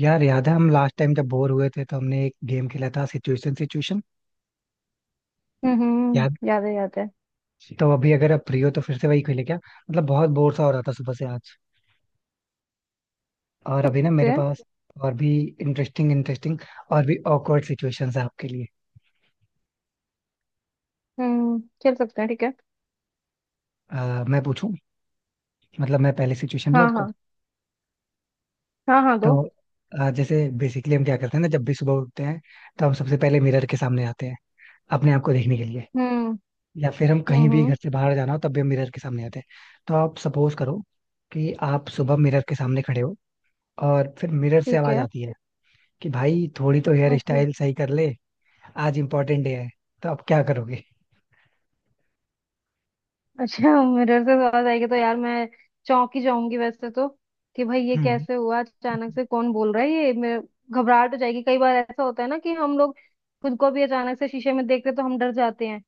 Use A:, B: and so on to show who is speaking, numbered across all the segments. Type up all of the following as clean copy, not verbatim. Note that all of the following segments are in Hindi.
A: यार याद है हम लास्ट टाइम जब बोर हुए थे तो हमने एक गेम खेला था, सिचुएशन सिचुएशन। याद
B: याद है याद है।
A: जी। तो अभी अगर आप फ्री हो तो फिर से वही खेले क्या। मतलब बहुत बोर सा हो रहा था सुबह से आज। और अभी ना
B: सकते
A: मेरे
B: हैं।
A: पास और भी इंटरेस्टिंग इंटरेस्टिंग और भी ऑकवर्ड सिचुएशंस है आपके लिए।
B: खेल सकते हैं, ठीक है।
A: मैं पूछूं? मतलब मैं पहले सिचुएशन दूं
B: हाँ
A: आपको?
B: हाँ। हाँ हाँ, दो।
A: तो जैसे बेसिकली हम क्या करते हैं ना, जब भी सुबह उठते हैं तो हम सबसे पहले मिरर के सामने आते हैं अपने आप को देखने के लिए।
B: हम्म
A: या फिर हम कहीं
B: हम्म
A: भी
B: हम्म,
A: घर से बाहर जाना हो तब भी हम मिरर के सामने आते हैं। तो आप सपोज करो कि आप सुबह मिरर के सामने खड़े हो और फिर मिरर से
B: ठीक
A: आवाज
B: है।
A: आती है कि भाई थोड़ी तो हेयर
B: ओके।
A: स्टाइल सही कर ले, आज इम्पोर्टेंट डे है। तो आप क्या करोगे?
B: अच्छा, मिरर से आवाज आएगी तो यार मैं चौंक ही जाऊंगी वैसे तो। कि भाई ये
A: हम्म।
B: कैसे हुआ अचानक से, कौन बोल रहा है ये मेरे। घबराहट हो जाएगी। कई बार ऐसा होता है ना कि हम लोग खुद को भी अचानक से शीशे में देखते तो हम डर जाते हैं।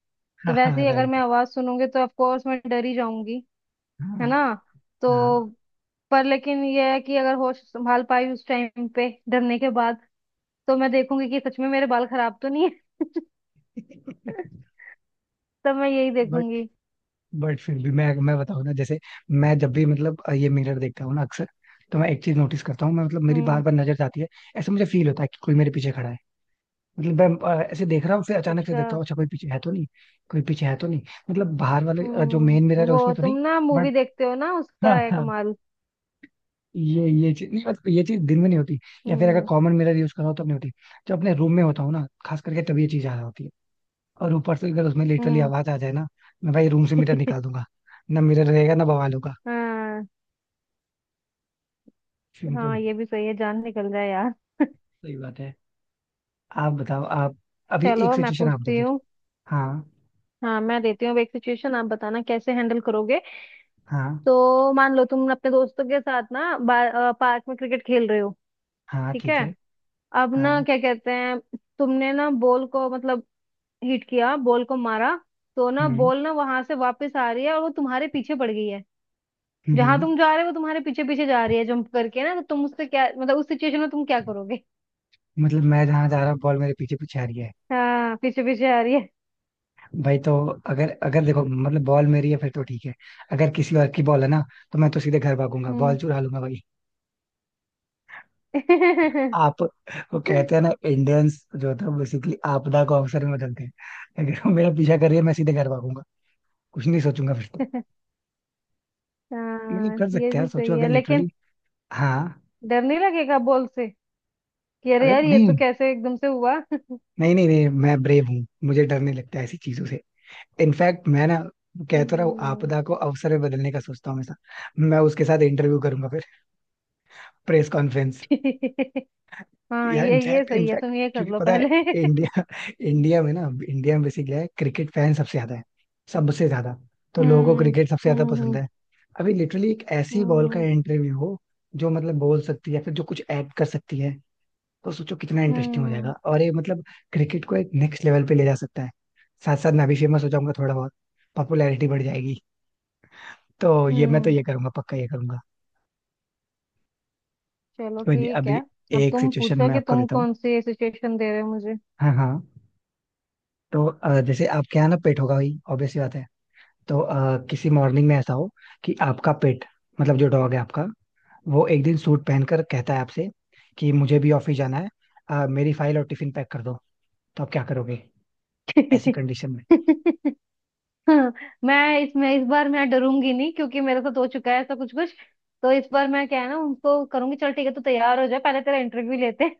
B: तो
A: हाँ
B: वैसे
A: हाँ
B: ही अगर मैं
A: राइट।
B: आवाज सुनूंगी तो ऑफ कोर्स मैं डर ही जाऊंगी। है
A: हाँ
B: ना।
A: हाँ।
B: तो पर लेकिन ये है कि अगर होश संभाल पाई उस टाइम पे डरने के बाद, तो मैं देखूंगी कि सच में मेरे बाल खराब तो नहीं है। तब मैं यही
A: बट
B: देखूंगी।
A: बट फिर भी मैं बताऊँ ना, जैसे मैं जब भी मतलब ये मिरर देखता हूँ ना अक्सर, तो मैं एक चीज नोटिस करता हूँ। मैं मतलब मेरी बार
B: हम्म।
A: बार नजर जाती है। ऐसा मुझे फील होता है कि कोई मेरे पीछे खड़ा है। मतलब मैं ऐसे देख रहा हूँ, फिर अचानक से
B: अच्छा।
A: देखता हूँ, अच्छा कोई पीछे है तो नहीं। कोई पीछे है तो नहीं। मतलब बाहर वाले जो मेन मिरर है
B: वो
A: उसमें तो नहीं।
B: तुम ना
A: बट
B: मूवी देखते हो ना उसका
A: हाँ
B: है
A: हाँ।
B: कमाल।
A: ये चीज नहीं, मतलब ये चीज दिन में नहीं होती, या फिर अगर
B: हम्म
A: कॉमन मिरर यूज कर रहा हो तब नहीं होती। जब अपने रूम में होता हूँ ना खास करके, तब ये चीज आ रहा होती है। और ऊपर से अगर उसमें लिटरली
B: हम्म।
A: आवाज आ जाए ना, मैं भाई रूम से मिरर निकाल दूंगा। ना मिरर रहेगा, ना बवाल होगा।
B: हाँ
A: सिंपल।
B: हाँ, ये भी सही है, जान निकल जाए यार।
A: सही बात है। आप बताओ आप। अभी एक
B: चलो मैं
A: सिचुएशन आप दो
B: पूछती
A: फिर।
B: हूँ।
A: हाँ।
B: हाँ, मैं देती हूँ अब एक सिचुएशन, आप बताना कैसे हैंडल करोगे।
A: हाँ।
B: तो मान लो तुम अपने दोस्तों के साथ ना पार्क में क्रिकेट खेल रहे हो।
A: हाँ
B: ठीक है।
A: ठीक है।
B: अब
A: हाँ।
B: ना क्या कहते हैं, तुमने ना बॉल को मतलब हिट किया, बॉल को मारा। तो ना
A: हम्म।
B: बॉल ना वहां से वापस आ रही है और वो तुम्हारे पीछे पड़ गई है।
A: हम्म हम्म।
B: जहां तुम जा रहे हो वो तुम्हारे पीछे पीछे जा रही है जंप करके ना, तो तुम उससे क्या, मतलब उस सिचुएशन में तुम क्या करोगे।
A: मतलब मैं जहां जा रहा हूँ बॉल मेरे पीछे पीछे आ रही है।
B: हाँ, पीछे पीछे आ रही है।
A: भाई तो, अगर अगर देखो मतलब बॉल मेरी है फिर तो ठीक है। अगर किसी और की बॉल है ना, तो मैं तो सीधे घर भागूंगा, बॉल
B: हम्म।
A: चुरा लूंगा भाई। आप। वो कहते हैं ना इंडियंस जो था बेसिकली आपदा को अवसर में बदलते हैं। अगर वो मेरा पीछा कर रही है मैं सीधे घर भागूंगा। कुछ नहीं सोचूंगा फिर तो। मतलब
B: हाँ,
A: कर
B: ये
A: सकते हैं
B: भी
A: यार, सोचो
B: सही
A: अगर
B: है लेकिन।
A: लिटरली। हाँ।
B: डर नहीं लगेगा बॉल से, कि अरे
A: अरे
B: यार ये तो
A: नहीं।
B: कैसे एकदम से हुआ।
A: नहीं नहीं नहीं मैं ब्रेव हूँ, मुझे डर नहीं लगता ऐसी चीजों से। इनफैक्ट मैं ना कहता रहा हूँ
B: हम्म।
A: आपदा को अवसर में बदलने का सोचता हूँ हमेशा। मैं उसके साथ इंटरव्यू करूंगा। Press conference.
B: हाँ,
A: या
B: ये
A: इनफैक्ट
B: सही है,
A: इनफैक्ट
B: तुम ये कर
A: क्योंकि
B: लो
A: पता है,
B: पहले।
A: इंडिया इंडिया में ना इंडिया में बेसिकली है क्रिकेट फैन सबसे ज्यादा है। सबसे ज्यादा। तो लोगों को
B: हम्म
A: क्रिकेट सबसे ज्यादा
B: हम्म
A: पसंद
B: हम्म
A: है। अभी लिटरली एक ऐसी बॉल का
B: हम्म
A: इंटरव्यू हो जो मतलब बोल सकती है, या फिर जो कुछ ऐड कर सकती है, तो सोचो कितना इंटरेस्टिंग हो जाएगा।
B: हम्म
A: और ये मतलब क्रिकेट को एक नेक्स्ट लेवल पे ले जा सकता है। साथ साथ मैं भी फेमस हो जाऊंगा थोड़ा बहुत। पॉपुलैरिटी बढ़ जाएगी। तो ये मैं तो
B: हम्म।
A: ये करूंगा, पक्का ये करूंगा।
B: चलो
A: कोई नहीं।
B: ठीक है।
A: अभी
B: अब
A: एक
B: तुम
A: सिचुएशन
B: पूछो
A: मैं
B: कि
A: आपको
B: तुम
A: देता हूँ।
B: कौन सी सिचुएशन दे रहे हो मुझे।
A: हाँ हाँ। तो जैसे आपके यहाँ ना पेट होगा भाई, ऑब्वियस सी बात है। तो किसी मॉर्निंग में ऐसा हो कि आपका पेट, मतलब जो डॉग है आपका, वो एक दिन सूट पहनकर कहता है आपसे कि मुझे भी ऑफिस जाना है, मेरी फाइल और टिफिन पैक कर दो। तो आप क्या करोगे ऐसी कंडीशन में?
B: मैं इसमें, इस बार मैं डरूंगी नहीं क्योंकि मेरे साथ हो चुका है ऐसा कुछ कुछ। तो इस बार मैं क्या है ना उनको करूंगी, चल ठीक है तू तैयार हो जा, पहले तेरा इंटरव्यू लेते हैं,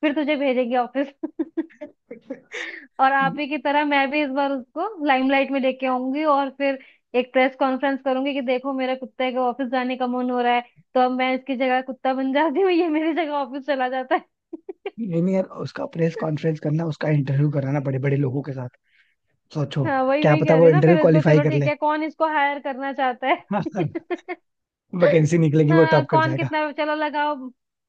B: फिर तुझे भेजेंगे ऑफिस। और आप ही की तरह मैं भी इस बार उसको लाइमलाइट में लेके आऊंगी, और फिर एक प्रेस कॉन्फ्रेंस करूंगी कि देखो मेरा कुत्ते का ऑफिस जाने का मन हो रहा है। तो अब मैं इसकी जगह कुत्ता बन जाती हूँ, ये मेरी जगह ऑफिस चला जाता है।
A: ये नहीं यार, उसका प्रेस कॉन्फ्रेंस करना, उसका इंटरव्यू कराना बड़े बड़े लोगों के साथ, सोचो।
B: हाँ, वही
A: क्या
B: वही
A: पता
B: कह रही
A: वो
B: हूँ ना,
A: इंटरव्यू
B: फिर इसको
A: क्वालिफाई
B: चलो
A: कर
B: ठीक
A: ले।
B: है कौन इसको हायर करना चाहता है।
A: वैकेंसी निकलेगी वो
B: हाँ
A: टॉप कर
B: कौन
A: जाएगा।
B: कितना, चलो लगाओ।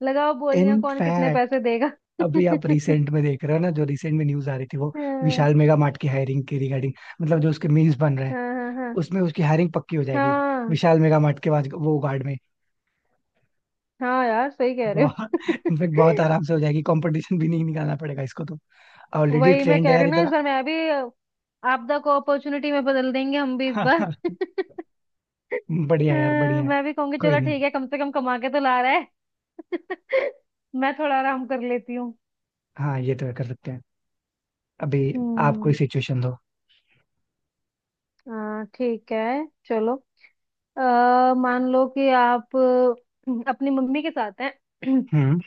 B: लगाओ बोलियां, कौन कितने
A: इनफैक्ट
B: पैसे देगा।
A: अभी आप रिसेंट में देख रहे हो ना, जो रिसेंट में न्यूज आ रही थी वो
B: हाँ
A: विशाल मेगा मार्ट की हायरिंग के रिगार्डिंग, मतलब जो उसके मीम्स बन रहे हैं,
B: हाँ हाँ हाँ।
A: उसमें उसकी हायरिंग पक्की हो जाएगी।
B: हाँ
A: विशाल मेगा मार्ट के बाद वो गार्ड में।
B: हाँ यार, सही कह रहे
A: बहुत
B: हो।
A: इनफेक्ट बहुत आराम से हो जाएगी, कंपटीशन भी नहीं निकालना पड़ेगा इसको तो। ऑलरेडी
B: वही मैं
A: ट्रेंड है
B: कह रही
A: यार
B: हूँ ना, इस
A: इतना।
B: बार मैं भी आपदा को अपॉर्चुनिटी में बदल देंगे, हम भी इस बार।
A: बढ़िया
B: अ,
A: है यार, बढ़िया है।
B: मैं भी कहूंगी
A: कोई
B: चलो
A: नहीं।
B: ठीक है, कम से कम कमा के तो ला रहा है। मैं थोड़ा आराम कर लेती हूँ।
A: हाँ ये तो कर सकते हैं। अभी आप कोई
B: हम्म।
A: सिचुएशन दो।
B: हाँ ठीक है चलो। अ, मान लो कि आप अपनी मम्मी के साथ हैं।
A: हम्म।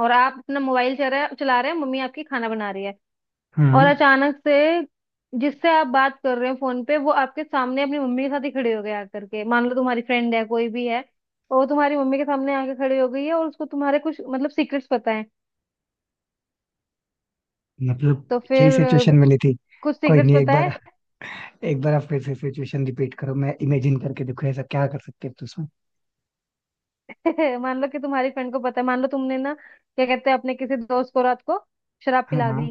B: और आप अपना मोबाइल चला रहे हैं, मम्मी आपकी खाना बना रही है। और
A: हम्म
B: अचानक से, जिससे आप बात कर रहे हो फोन पे, वो आपके सामने अपनी मम्मी के साथ ही खड़े हो गए आकर के। मान लो तुम्हारी फ्रेंड है, कोई भी है, और वो तुम्हारी मम्मी के सामने आके खड़ी हो गई है और उसको तुम्हारे कुछ मतलब सीक्रेट्स पता है।
A: मतलब
B: तो
A: यही
B: फिर
A: सिचुएशन मिली थी।
B: कुछ
A: कोई
B: सीक्रेट्स
A: नहीं, एक
B: पता
A: बार एक बार आप फिर से सिचुएशन रिपीट करो, मैं इमेजिन करके देखो ऐसा क्या कर सकते हैं तो उसमें।
B: है। मान लो कि तुम्हारी फ्रेंड को पता है, मान लो तुमने ना क्या कहते हैं, अपने किसी दोस्त को रात को शराब
A: हाँ।
B: पिला
A: हाँ।
B: दी।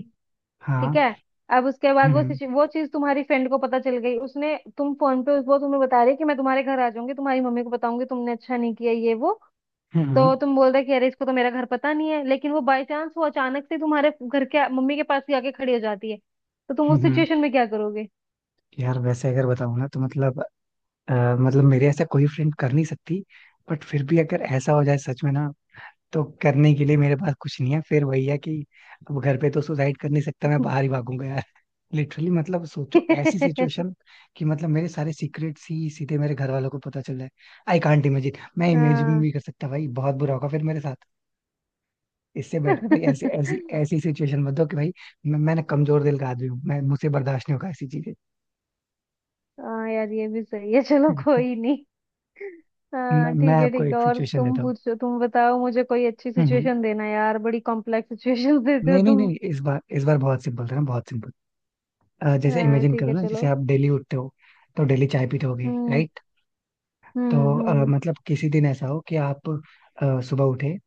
B: ठीक
A: हाँ।
B: है। अब उसके बाद
A: हम्म।
B: वो
A: हम्म।
B: वो चीज तुम्हारी फ्रेंड को पता चल गई, उसने तुम फोन पे वो तुम्हें बता रही है कि मैं तुम्हारे घर आ जाऊंगी, तुम्हारी मम्मी को बताऊंगी तुमने अच्छा नहीं किया ये वो।
A: हम्म।
B: तो तुम बोल रहे कि अरे इसको तो मेरा घर पता नहीं है, लेकिन वो बाय चांस वो अचानक से तुम्हारे घर के मम्मी के पास ही आके खड़ी हो जाती है। तो तुम
A: हम्म,
B: उस
A: हम्म।
B: सिचुएशन में क्या करोगे।
A: यार वैसे अगर बताऊं ना तो मतलब मतलब मेरे ऐसा कोई फ्रेंड कर नहीं सकती। बट फिर भी अगर ऐसा हो जाए सच में ना, तो करने के लिए मेरे पास कुछ नहीं है, फिर वही है कि अब घर पे तो सुसाइड कर नहीं सकता, मैं बाहर ही भागूंगा यार। लिटरली मतलब सोचो ऐसी सिचुएशन कि मतलब मेरे सारे सीक्रेट्स ही सीधे मेरे घर वालों को पता चल जाए। आई कांट इमेजिन, मैं इमेजिन भी
B: हाँ।
A: नहीं कर सकता भाई, बहुत बुरा होगा फिर मेरे साथ। इससे बेटर है भाई, ऐसे ऐसी ऐसी सिचुएशन मत दो कि भाई मैंने कमजोर दिल का आदमी हूँ, मैं मुझसे बर्दाश्त नहीं होगा ऐसी चीजें।
B: हाँ यार, ये भी सही है, चलो कोई नहीं।
A: मैं
B: हाँ
A: मैं
B: ठीक है
A: आपको
B: ठीक है,
A: एक
B: और
A: सिचुएशन
B: तुम
A: देता हूँ।
B: पूछो, तुम बताओ मुझे, कोई अच्छी
A: हम्म हम्म।
B: सिचुएशन देना यार, बड़ी कॉम्प्लेक्स सिचुएशन देते हो
A: नहीं नहीं
B: तुम।
A: नहीं इस बार, इस बार बहुत सिंपल था ना, बहुत सिंपल। जैसे
B: हाँ
A: इमेजिन
B: ठीक
A: करो
B: है
A: ना, जैसे
B: चलो।
A: आप डेली उठते हो तो डेली चाय पीते होगे
B: हम्म
A: राइट? तो
B: हम्म हम्म
A: मतलब किसी दिन ऐसा हो कि आप सुबह उठे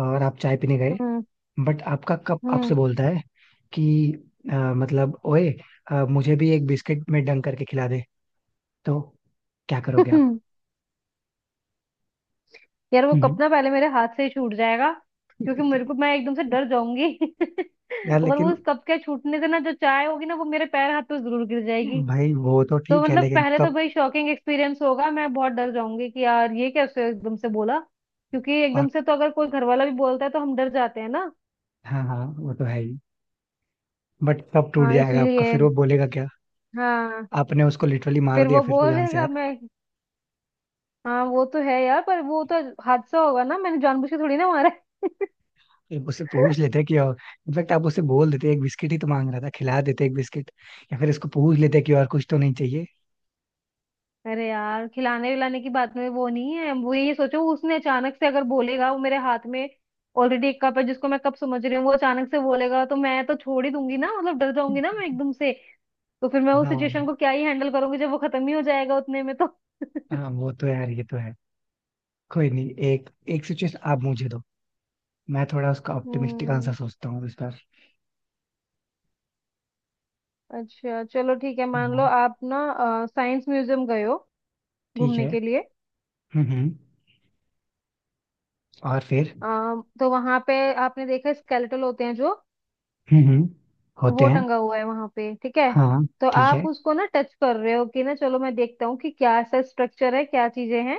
A: और आप चाय पीने गए,
B: हम्म
A: बट आपका कप
B: हम्म।
A: आपसे बोलता है कि मतलब ओए, मुझे भी एक बिस्किट में डंक करके खिला दे, तो क्या करोगे आप?
B: यार, वो
A: हम्म
B: कप
A: हम्म।
B: ना पहले मेरे हाथ से ही छूट जाएगा, क्योंकि मेरे को, मैं एकदम से
A: यार
B: डर जाऊंगी। और वो
A: लेकिन
B: उस कप के छूटने से ना, जो चाय होगी ना, वो मेरे पैर हाथ पे जरूर गिर जाएगी।
A: भाई वो तो
B: तो
A: ठीक है,
B: मतलब
A: लेकिन
B: पहले तो
A: कब
B: भाई शॉकिंग एक्सपीरियंस होगा, मैं बहुत डर जाऊंगी कि यार ये कैसे एकदम से बोला, क्योंकि
A: और।
B: एकदम से तो अगर कोई घर वाला भी बोलता है तो हम डर जाते हैं ना।
A: हाँ हाँ वो तो है ही। बट कब टूट
B: हाँ
A: जाएगा आपका,
B: इसलिए।
A: फिर वो बोलेगा क्या?
B: हाँ।
A: आपने उसको लिटरली मार
B: फिर
A: दिया
B: वो
A: फिर तो, जान से
B: बोलेगा
A: यार।
B: मैं। हाँ वो तो है यार, पर वो तो हादसा होगा ना, मैंने जानबूझ के थोड़ी ना मारा है।
A: एक उससे पूछ लेते कि और, इनफैक्ट आप उससे बोल देते, एक बिस्किट ही तो मांग रहा था, खिला देते एक बिस्किट, या फिर इसको पूछ लेते कि और कुछ तो नहीं चाहिए?
B: अरे यार, खिलाने विलाने की बात में वो नहीं है, वो ये सोचो, उसने अचानक से अगर बोलेगा, वो मेरे हाथ में ऑलरेडी एक कप है जिसको मैं कप समझ रही हूँ, वो अचानक से बोलेगा तो मैं तो छोड़ ही दूंगी ना, मतलब डर जाऊंगी ना मैं एकदम से। तो फिर मैं उस
A: ना।
B: सिचुएशन को क्या ही हैंडल करूंगी, जब वो खत्म ही हो जाएगा उतने में तो।
A: हाँ वो तो यार, ये तो है। कोई नहीं, एक एक सिचुएशन आप मुझे दो। मैं थोड़ा उसका ऑप्टिमिस्टिक आंसर
B: हम्म।
A: सोचता हूँ इस बार।
B: अच्छा चलो ठीक है, मान लो
A: हाँ
B: आप ना साइंस म्यूजियम गए हो
A: ठीक
B: घूमने
A: है।
B: के लिए।
A: हम्म। और फिर।
B: तो वहां पे आपने देखा स्केलेटल होते हैं जो,
A: हम्म। होते
B: वो
A: हैं।
B: टंगा हुआ है वहां पे, ठीक है।
A: हाँ
B: तो
A: ठीक
B: आप
A: है।
B: उसको ना टच कर रहे हो कि ना चलो मैं देखता हूँ कि क्या ऐसा स्ट्रक्चर है, क्या चीजें हैं।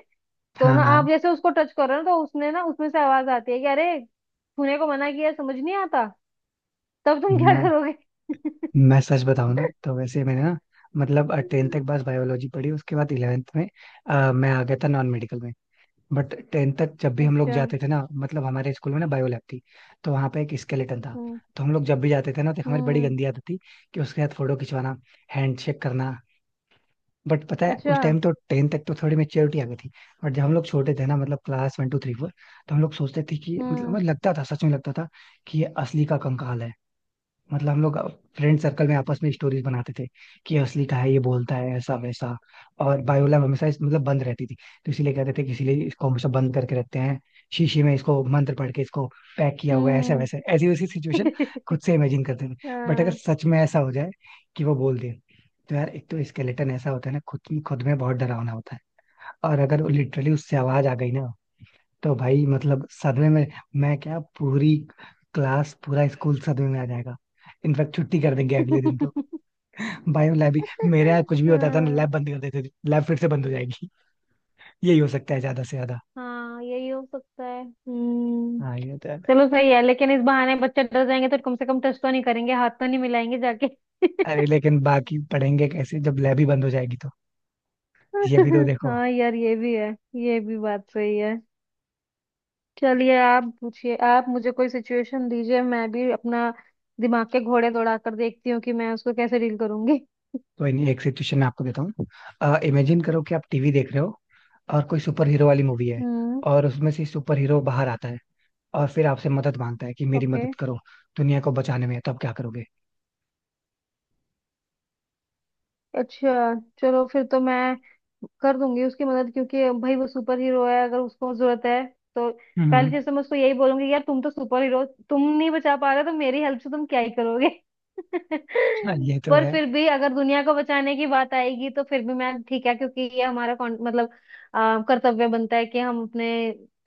B: तो
A: हाँ
B: ना
A: हाँ।
B: आप जैसे उसको टच कर रहे हो ना, तो उसने ना, उसमें से आवाज आती है कि अरे छूने को मना किया है, समझ नहीं आता। तब तुम क्या
A: मैं
B: करोगे।
A: सच बताऊँ ना, तो वैसे मैंने ना मतलब टेंथ तक बस बायोलॉजी पढ़ी, उसके बाद इलेवेंथ में मैं आ गया था नॉन मेडिकल में। बट टेंथ तक जब भी हम लोग
B: अच्छा।
A: जाते थे ना, मतलब हमारे स्कूल में ना बायो लैब थी, तो वहाँ पे एक स्केलेटन था।
B: हम्म
A: तो हम लोग जब भी जाते थे ना, तो हमारी बड़ी
B: हम्म।
A: गंदी आदत थी कि उसके साथ फोटो खिंचवाना, हैंड शेक करना। बट पता है उस
B: अच्छा।
A: टाइम तो टेंथ तक तो थोड़ी मेच्योरिटी आ गई थी। बट जब हम लोग छोटे थे ना, मतलब class one two three four, तो हम लोग सोचते थे कि मतलब
B: हम्म
A: हमें लगता था, सच में लगता था कि ये असली का कंकाल है। मतलब हम लोग फ्रेंड सर्कल में आपस में स्टोरीज बनाते थे कि ये असली का है, ये बोलता है ऐसा वैसा। और बायो लैब हमेशा मतलब बंद रहती थी। तो इसीलिए कहते थे कि इसीलिए इसको हमेशा बंद करके रखते हैं, शीशी में इसको मंत्र पढ़ के इसको पैक किया हुआ है, ऐसा
B: हम्म।
A: वैसा, ऐसी वैसी सिचुएशन खुद से इमेजिन करते थे। बट अगर
B: हाँ।
A: सच में ऐसा हो जाए कि वो बोल दे, तो यार एक तो स्केलेटन ऐसा होता है ना, खुद खुद में बहुत डरावना होता है, और अगर लिटरली उससे आवाज आ गई ना, तो भाई मतलब सदमे में, मैं क्या पूरी क्लास, पूरा स्कूल सदमे में आ जाएगा। इनफैक्ट छुट्टी कर देंगे अगले दिन तो, बायो लैब ही। मेरे यहाँ कुछ भी होता था ना लैब
B: हाँ
A: बंद कर देते थे, लैब फिर से बंद हो जाएगी। यही हो सकता है ज्यादा से ज्यादा।
B: हाँ, यही हो सकता है। हम्म।
A: हाँ ये तो है।
B: चलो सही है, लेकिन इस बहाने बच्चे डर जाएंगे तो कम से कम टच तो नहीं करेंगे, हाथ तो नहीं मिलाएंगे जाके।
A: अरे लेकिन बाकी पढ़ेंगे कैसे जब लैब ही बंद हो जाएगी तो? ये भी तो देखो।
B: हाँ यार, ये भी है। ये भी बात सही है। चलिए, आप पूछिए, आप मुझे कोई सिचुएशन दीजिए, मैं भी अपना दिमाग के घोड़े दौड़ा कर देखती हूँ कि मैं उसको कैसे डील करूंगी।
A: कोई नहीं, एक सिचुएशन मैं आपको देता हूँ। इमेजिन करो कि आप टीवी देख रहे हो और कोई सुपर हीरो वाली मूवी है
B: हम्म।
A: और उसमें से सुपर हीरो बाहर आता है और फिर आपसे मदद मांगता है कि मेरी
B: ओके।
A: मदद करो दुनिया को बचाने में, तो आप क्या करोगे?
B: अच्छा, चलो फिर तो मैं कर दूंगी उसकी मदद, क्योंकि भाई वो सुपर हीरो है, अगर उसको जरूरत है तो। पहली
A: हम्म।
B: चीज तो मैं उसको यही बोलूंगी, यार तुम तो सुपर हीरो, तुम नहीं बचा पा रहे हो, तो मेरी हेल्प से तुम क्या ही करोगे।
A: हाँ ये तो
B: पर
A: है।
B: फिर भी अगर दुनिया को बचाने की बात आएगी तो फिर भी मैं ठीक है, क्योंकि ये हमारा मतलब कर्तव्य बनता है कि हम अपने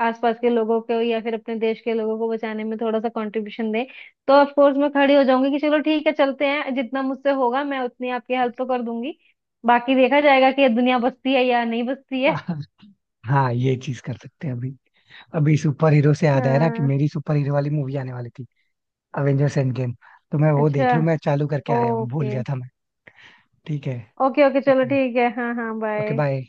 B: आसपास के लोगों को या फिर अपने देश के लोगों को बचाने में थोड़ा सा कंट्रीब्यूशन दें। तो ऑफ कोर्स मैं खड़ी हो जाऊंगी कि चलो ठीक है चलते हैं, जितना मुझसे होगा मैं उतनी आपकी हेल्प तो कर दूंगी। बाकी देखा जाएगा कि ये दुनिया बसती है या नहीं बसती है।
A: हाँ ये चीज कर सकते हैं। अभी अभी सुपर हीरो से याद आया ना कि
B: हाँ।
A: मेरी सुपर हीरो वाली मूवी आने वाली थी, अवेंजर्स एंड गेम। तो मैं वो
B: अच्छा।
A: देख लूं, मैं चालू करके आया हूँ, भूल
B: ओके।
A: गया था मैं। ठीक है।
B: ओके ओके चलो
A: ओके।
B: ठीक है। हाँ हाँ,
A: ओके
B: बाय।
A: बाय।